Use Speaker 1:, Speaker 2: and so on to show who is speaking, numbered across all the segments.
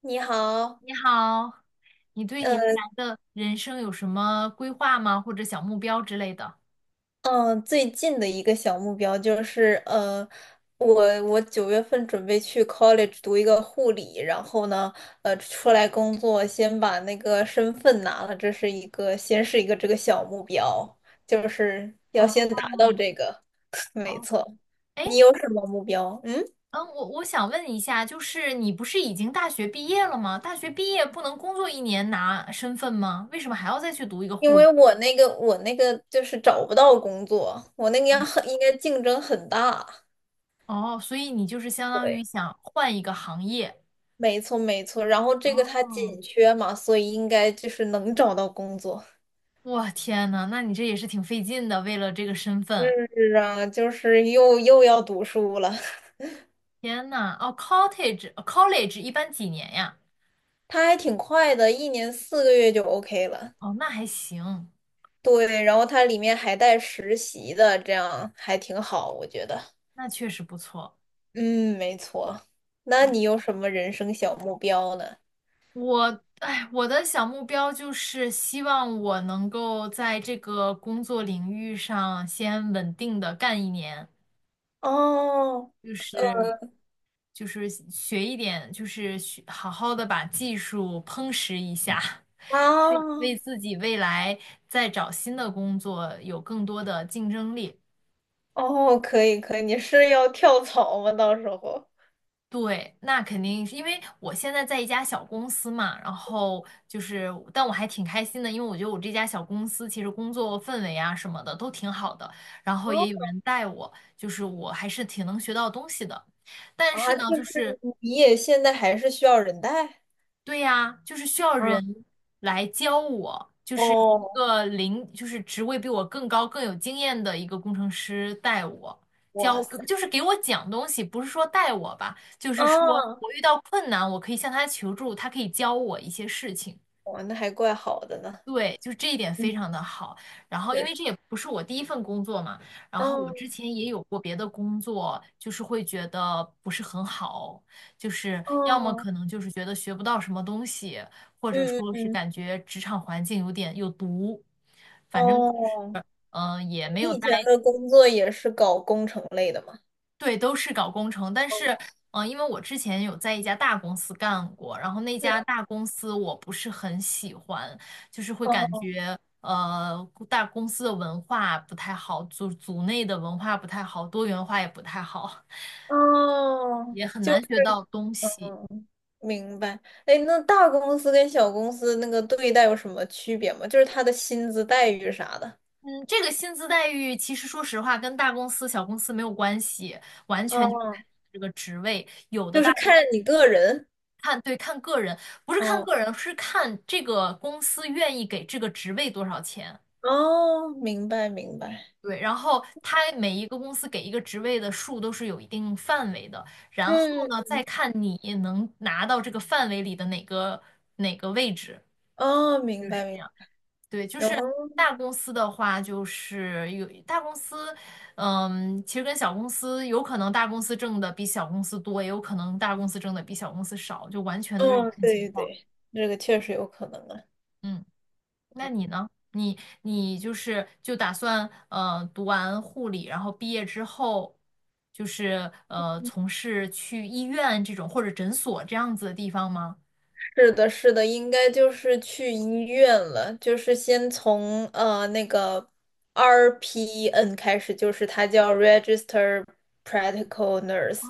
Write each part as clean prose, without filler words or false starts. Speaker 1: 你好。
Speaker 2: 你好，你对你未
Speaker 1: 呃，
Speaker 2: 来的人生有什么规划吗？或者小目标之类的？
Speaker 1: 嗯，最近的一个小目标就是，我9月份准备去 college 读一个护理，然后呢，出来工作，先把那个身份拿了，这是一个，先是一个这个小目标，就是要
Speaker 2: 哦
Speaker 1: 先达到这个。没
Speaker 2: 哦，
Speaker 1: 错。
Speaker 2: 哎，
Speaker 1: 你有什么目标？嗯。
Speaker 2: 我想问一下，就是你不是已经大学毕业了吗？大学毕业不能工作一年拿身份吗？为什么还要再去读一个
Speaker 1: 因
Speaker 2: 护理？
Speaker 1: 为我那个就是找不到工作，我那个要很应该竞争很大。
Speaker 2: 哦，所以你就是相当
Speaker 1: 对，
Speaker 2: 于想换一个行业。
Speaker 1: 没错没错。然后这个它
Speaker 2: 哦，
Speaker 1: 紧缺嘛，所以应该就是能找到工作。
Speaker 2: 我天呐，那你这也是挺费劲的，为了这个身份。
Speaker 1: 是啊，就是又要读书了。
Speaker 2: 天呐，哦，cottage college 一般几年呀？
Speaker 1: 它还挺快的，1年4个月就 OK 了。
Speaker 2: 哦，那还行。
Speaker 1: 对，然后它里面还带实习的，这样还挺好，我觉得。
Speaker 2: 那确实不错。
Speaker 1: 嗯，没错。那你有什么人生小目标呢？
Speaker 2: 我的小目标就是希望我能够在这个工作领域上先稳定的干一年，
Speaker 1: 哦。
Speaker 2: 就是就是学一点，就是学好好的把技术夯实一下，为
Speaker 1: 啊。
Speaker 2: 自己未来再找新的工作有更多的竞争力。
Speaker 1: 哦，可以可以，你是要跳槽吗？到时候。
Speaker 2: 对，那肯定是因为我现在在一家小公司嘛，然后就是，但我还挺开心的，因为我觉得我这家小公司其实工作氛围啊什么的都挺好的，然后
Speaker 1: 哦
Speaker 2: 也有人带我，就是我还是挺能学到东西的。但是
Speaker 1: 啊，就
Speaker 2: 呢，就是
Speaker 1: 是你也现在还是需要人带？
Speaker 2: 对呀，就是需要
Speaker 1: 嗯。
Speaker 2: 人来教我，就是一
Speaker 1: 哦。
Speaker 2: 个零，就是职位比我更高、更有经验的一个工程师带我
Speaker 1: 哇
Speaker 2: 教，
Speaker 1: 塞。
Speaker 2: 就是给我讲东西，不是说带我吧，就是说
Speaker 1: 啊。
Speaker 2: 我遇到困难，我可以向他求助，他可以教我一些事情。
Speaker 1: 哇，那还怪好的呢。
Speaker 2: 对，就是这一点非
Speaker 1: 嗯。
Speaker 2: 常的好。然后，因
Speaker 1: 确
Speaker 2: 为
Speaker 1: 实。
Speaker 2: 这也不是我第一份工作嘛，然后我之
Speaker 1: 嗯。
Speaker 2: 前也有过别的工作，就是会觉得不是很好，就是要么
Speaker 1: 哦。
Speaker 2: 可能就是觉得学不到什么东西，或者
Speaker 1: 嗯嗯
Speaker 2: 说是
Speaker 1: 嗯。
Speaker 2: 感觉职场环境有点有毒，反正就是
Speaker 1: 哦。
Speaker 2: 嗯、呃也没
Speaker 1: 你
Speaker 2: 有
Speaker 1: 以
Speaker 2: 待
Speaker 1: 前的工作也是搞工程类的吗？
Speaker 2: 对，都是搞工程，但是，因为我之前有在一家大公司干过，然后那
Speaker 1: 是啊。
Speaker 2: 家大公司我不是很喜欢，就是会感
Speaker 1: 哦。
Speaker 2: 觉，大公司的文化不太好，组内的文化不太好，多元化也不太好，
Speaker 1: 哦。
Speaker 2: 也很难学到东西。
Speaker 1: 嗯，明白。哎，那大公司跟小公司那个对待有什么区别吗？就是他的薪资待遇啥的。
Speaker 2: 嗯，这个薪资待遇其实说实话跟大公司、小公司没有关系，完全就是
Speaker 1: 哦，
Speaker 2: 看这个职位，有的
Speaker 1: 就
Speaker 2: 大。
Speaker 1: 是看你个人。
Speaker 2: 看，对，看个人，不是看
Speaker 1: 哦。
Speaker 2: 个人，是看这个公司愿意给这个职位多少钱。
Speaker 1: 哦，明白明白。
Speaker 2: 对，然后它每一个公司给一个职位的数都是有一定范围的，然后
Speaker 1: 嗯。
Speaker 2: 呢，再看你能拿到这个范围里的哪个位置。
Speaker 1: 哦，明白明白。
Speaker 2: 对，就是
Speaker 1: 哦
Speaker 2: 大公司的话，就是有大公司，嗯，其实跟小公司有可能大公司挣的比小公司多，也有可能大公司挣的比小公司少，就完全都要
Speaker 1: 嗯，
Speaker 2: 看情
Speaker 1: 对
Speaker 2: 况。
Speaker 1: 对，这个确实有可能啊。
Speaker 2: 嗯。那你呢？你就是就打算读完护理，然后毕业之后，就是从事去医院这种或者诊所这样子的地方吗？
Speaker 1: 是的，是的，应该就是去医院了，就是先从那个 RPN 开始，就是它叫 Register Practical Nurse。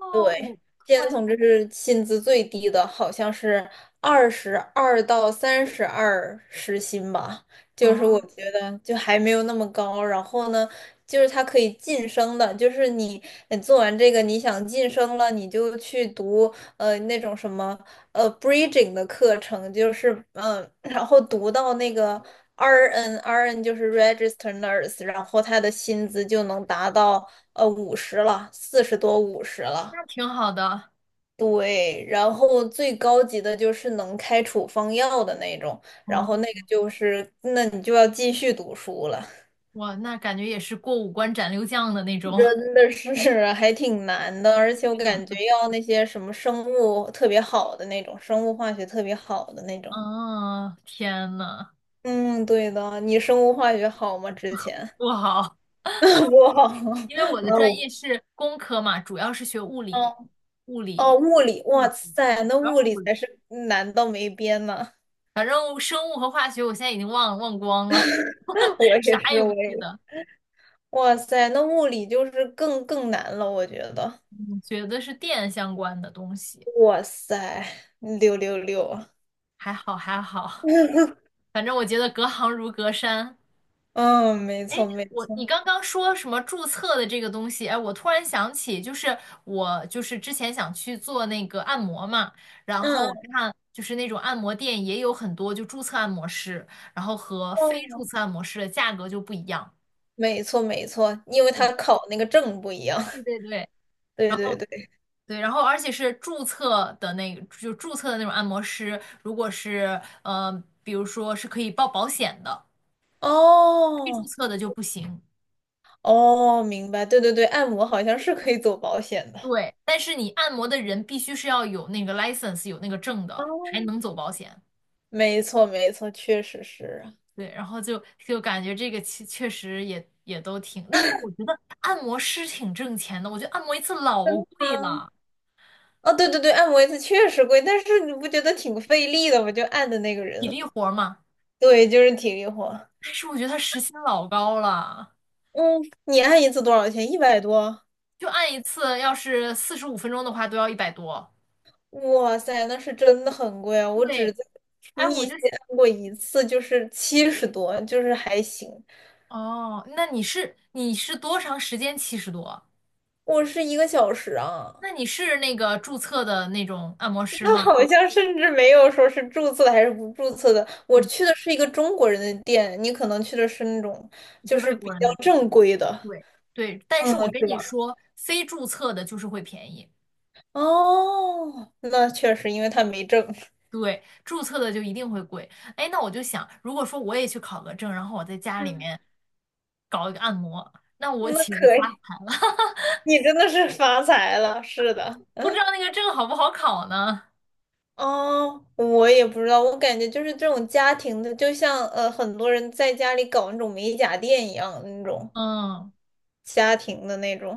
Speaker 2: 哦，
Speaker 1: 对，
Speaker 2: 会，
Speaker 1: 建从这是薪资最低的，好像是22到32时薪吧，就是我
Speaker 2: 哦，
Speaker 1: 觉得就还没有那么高。然后呢，就是他可以晋升的，就是你做完这个，你想晋升了，你就去读那种什么bridging 的课程，就是然后读到那个 RN 就是 registered nurse，然后他的薪资就能达到五十了，40多50了。
Speaker 2: 那挺好的。
Speaker 1: 对，然后最高级的就是能开处方药的那种，然后那
Speaker 2: 哦，
Speaker 1: 个就是，那你就要继续读书了。
Speaker 2: 哇，那感觉也是过五关斩六将的那 种。
Speaker 1: 真 的是 还挺难的，而且我感觉要那些什么生物特别好的那种，生物化学特别好的那种。
Speaker 2: 嗯，天呐，
Speaker 1: 嗯，对的，你生物化学好吗？之前
Speaker 2: 不好，
Speaker 1: 不好。
Speaker 2: 因为我 的
Speaker 1: 没
Speaker 2: 专业
Speaker 1: 有。
Speaker 2: 是工科嘛，主要是学物理，
Speaker 1: 哦。
Speaker 2: 物
Speaker 1: 哦，
Speaker 2: 理。
Speaker 1: 物理，
Speaker 2: 物
Speaker 1: 哇
Speaker 2: 理。
Speaker 1: 塞，那
Speaker 2: 主要
Speaker 1: 物
Speaker 2: 是
Speaker 1: 理
Speaker 2: 物理。
Speaker 1: 才是难到没边呢。
Speaker 2: 反正生物和化学我现在已经忘光了，
Speaker 1: 我 也
Speaker 2: 啥
Speaker 1: 是，
Speaker 2: 也不
Speaker 1: 我
Speaker 2: 记
Speaker 1: 也。
Speaker 2: 得。
Speaker 1: 哇塞，那物理就是更难了，我觉得。
Speaker 2: 嗯，觉得是电相关的东西，
Speaker 1: 哇塞，六六六啊！
Speaker 2: 还好还好。反正我觉得隔行如隔山。
Speaker 1: 嗯，没错没
Speaker 2: 我
Speaker 1: 错。
Speaker 2: 你刚刚说什么注册的这个东西？哎，我突然想起，就是之前想去做那个按摩嘛，然
Speaker 1: 嗯
Speaker 2: 后我
Speaker 1: 嗯。
Speaker 2: 看就是那种按摩店也有很多就注册按摩师，然后和非
Speaker 1: 哦，
Speaker 2: 注册按摩师的价格就不一样。
Speaker 1: 没错没错，因为他
Speaker 2: 嗯
Speaker 1: 考那个证不一样。
Speaker 2: 对对对，
Speaker 1: 对对对。
Speaker 2: 对，然后而且是注册的那个，就注册的那种按摩师，如果是比如说是可以报保险的，非注
Speaker 1: 哦。
Speaker 2: 册的就不行。
Speaker 1: 哦，明白。对对对，按摩好像是可以走保险的。
Speaker 2: 对，但是你按摩的人必须是要有那个 license，有那个证的，
Speaker 1: 哦，
Speaker 2: 才能走保险。
Speaker 1: 没错没错，确实是啊。
Speaker 2: 然后感觉这个确实也都挺，那但我觉得按摩师挺挣钱的，我觉得按摩一次老贵
Speaker 1: 嗯。
Speaker 2: 了，
Speaker 1: 哦，对对对，按摩一次确实贵，但是你不觉得挺费力的吗？就按的那个
Speaker 2: 体
Speaker 1: 人。
Speaker 2: 力活儿嘛，
Speaker 1: 对，就是体力活。
Speaker 2: 但是我觉得他时薪老高了，
Speaker 1: 嗯，你按一次多少钱？100多？
Speaker 2: 就按一次要是45分钟的话都要100多。
Speaker 1: 哇塞，那是真的很贵啊！我
Speaker 2: 对，
Speaker 1: 只在
Speaker 2: 哎，
Speaker 1: 密
Speaker 2: 我就
Speaker 1: 西按过一次，就是70多，就是还行。
Speaker 2: 哦，那你是多长时间70多？
Speaker 1: 我是一个小时啊。
Speaker 2: 那你是那个注册的那种按摩师
Speaker 1: 他
Speaker 2: 吗？
Speaker 1: 好像甚至没有说是注册的还是不注册的。我
Speaker 2: 嗯，
Speaker 1: 去的是一个中国人的店，你可能去的是那种就
Speaker 2: 对外
Speaker 1: 是比
Speaker 2: 国人
Speaker 1: 较
Speaker 2: 的，
Speaker 1: 正规的。
Speaker 2: 对对，但
Speaker 1: 嗯，
Speaker 2: 是我跟
Speaker 1: 是
Speaker 2: 你
Speaker 1: 吧？
Speaker 2: 说，非注册的就是会便宜，
Speaker 1: 哦，那确实，因为他没证。
Speaker 2: 对，注册的就一定会贵。哎，那我就想，如果说我也去考个证，然后我在家里
Speaker 1: 嗯。
Speaker 2: 面搞一个按摩，那 我
Speaker 1: 那
Speaker 2: 岂不发？
Speaker 1: 可以，你真的是发财了，是的。
Speaker 2: 不知道那个证好不好考呢？
Speaker 1: 哦，我也不知道，我感觉就是这种家庭的，就像很多人在家里搞那种美甲店一样那种
Speaker 2: 嗯，
Speaker 1: 家庭的那种。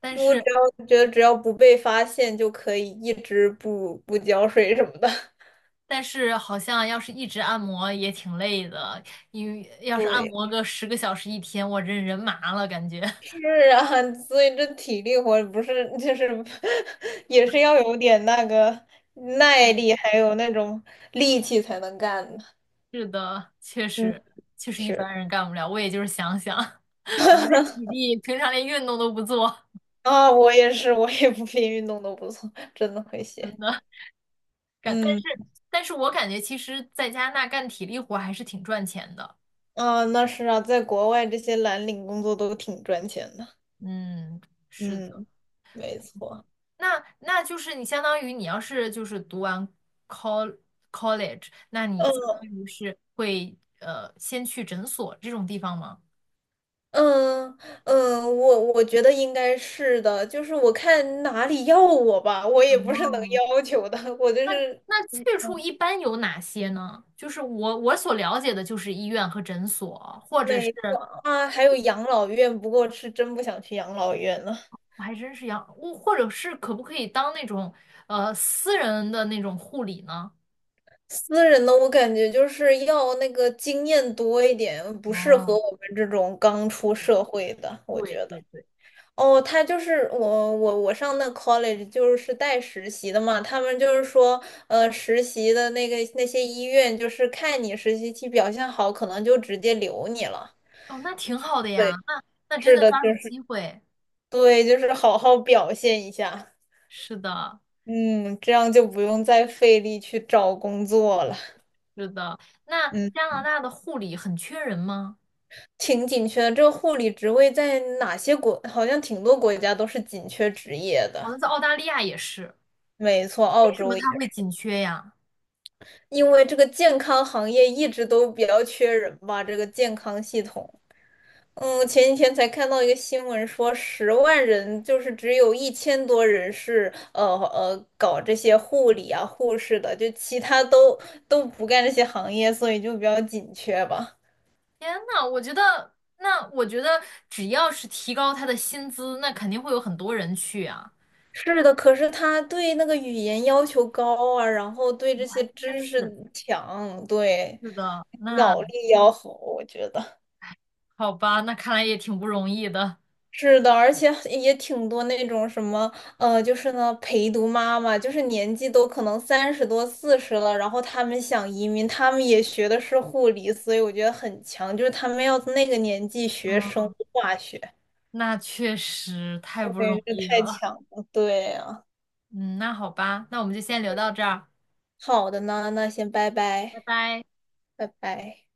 Speaker 2: 但
Speaker 1: 我只
Speaker 2: 是。
Speaker 1: 要觉得只要不被发现就可以一直不浇水什么的。
Speaker 2: 但是好像要是一直按摩也挺累的，因为要是按
Speaker 1: 对，
Speaker 2: 摩个10个小时一天，我这人麻了感觉。
Speaker 1: 是 啊，所以这体力活不是就是 也是要有点那个
Speaker 2: 是
Speaker 1: 耐
Speaker 2: 的。
Speaker 1: 力，还有那种力气才能干的。
Speaker 2: 是的，确
Speaker 1: 嗯，
Speaker 2: 实，确实一
Speaker 1: 是
Speaker 2: 般人干不了。我也就是想想，我这体力平常连运动都不做，
Speaker 1: 啊，我也是，我也不 比运动都不错，真的会写。
Speaker 2: 感但
Speaker 1: 嗯。
Speaker 2: 但是我感觉其实在加拿大干体力活还是挺赚钱的。
Speaker 1: 啊，那是啊，在国外这些蓝领工作都挺赚钱的。
Speaker 2: 嗯，是的。
Speaker 1: 嗯，没错。
Speaker 2: 那那就是你相当于你要是就是读完 col college，那你相当
Speaker 1: 嗯
Speaker 2: 于是会先去诊所这种地方吗？
Speaker 1: 嗯嗯，我觉得应该是的，就是我看哪里要我吧，我也不是能
Speaker 2: 哦，
Speaker 1: 要求的，我就是
Speaker 2: 那
Speaker 1: 嗯
Speaker 2: 去处一般有哪些呢？就是我所了解的就是医院和诊所，或者是
Speaker 1: 没错啊。还有养老院，不过是真不想去养老院了。
Speaker 2: 我还真是要，我或者是可不可以当那种私人的那种护理呢？
Speaker 1: 私人的我感觉就是要那个经验多一点，不适
Speaker 2: 哦，
Speaker 1: 合我们这种刚出
Speaker 2: 嗯，
Speaker 1: 社会的，我
Speaker 2: 对
Speaker 1: 觉得。
Speaker 2: 对对，
Speaker 1: 哦，他就是我上那 college 就是带实习的嘛，他们就是说，实习的那些医院就是看你实习期表现好，可能就直接留你了。
Speaker 2: 哦，那挺好的呀，
Speaker 1: 对，
Speaker 2: 那那真
Speaker 1: 是
Speaker 2: 的
Speaker 1: 的，
Speaker 2: 抓住
Speaker 1: 就是
Speaker 2: 机会，
Speaker 1: 对，就是好好表现一下。
Speaker 2: 是的。
Speaker 1: 嗯，这样就不用再费力去找工作了。
Speaker 2: 是的，那
Speaker 1: 嗯，
Speaker 2: 加拿大的护理很缺人吗？
Speaker 1: 挺紧缺的，这个护理职位在哪些国，好像挺多国家都是紧缺职业
Speaker 2: 好
Speaker 1: 的。
Speaker 2: 像在澳大利亚也是，
Speaker 1: 没错，澳
Speaker 2: 为什
Speaker 1: 洲。
Speaker 2: 么它会紧缺呀？
Speaker 1: 因为这个健康行业一直都比较缺人吧，这个健康系统。嗯，前几天才看到一个新闻说，10万人就是只有1000多人是搞这些护理啊、护士的，就其他都不干这些行业，所以就比较紧缺吧。
Speaker 2: 天呐，我觉得，那我觉得只要是提高他的薪资，那肯定会有很多人去啊。
Speaker 1: 是的，可是他对那个语言要求高啊，然后对这些
Speaker 2: 真
Speaker 1: 知识
Speaker 2: 是，
Speaker 1: 强，对
Speaker 2: 是的，那
Speaker 1: 脑力要好，我觉得。
Speaker 2: 好吧，那看来也挺不容易的。
Speaker 1: 是的，而且也挺多那种什么，就是呢，陪读妈妈，就是年纪都可能30多、40了，然后他们想移民，他们也学的是护理，所以我觉得很强，就是他们要那个年纪学生
Speaker 2: 嗯，
Speaker 1: 物化学。
Speaker 2: 那确实太不容
Speaker 1: 对，这
Speaker 2: 易
Speaker 1: 太
Speaker 2: 了。
Speaker 1: 强了，对啊。
Speaker 2: 嗯，那好吧，那我们就先聊到这儿，
Speaker 1: 好的呢，那先拜拜。
Speaker 2: 拜拜。
Speaker 1: 拜拜。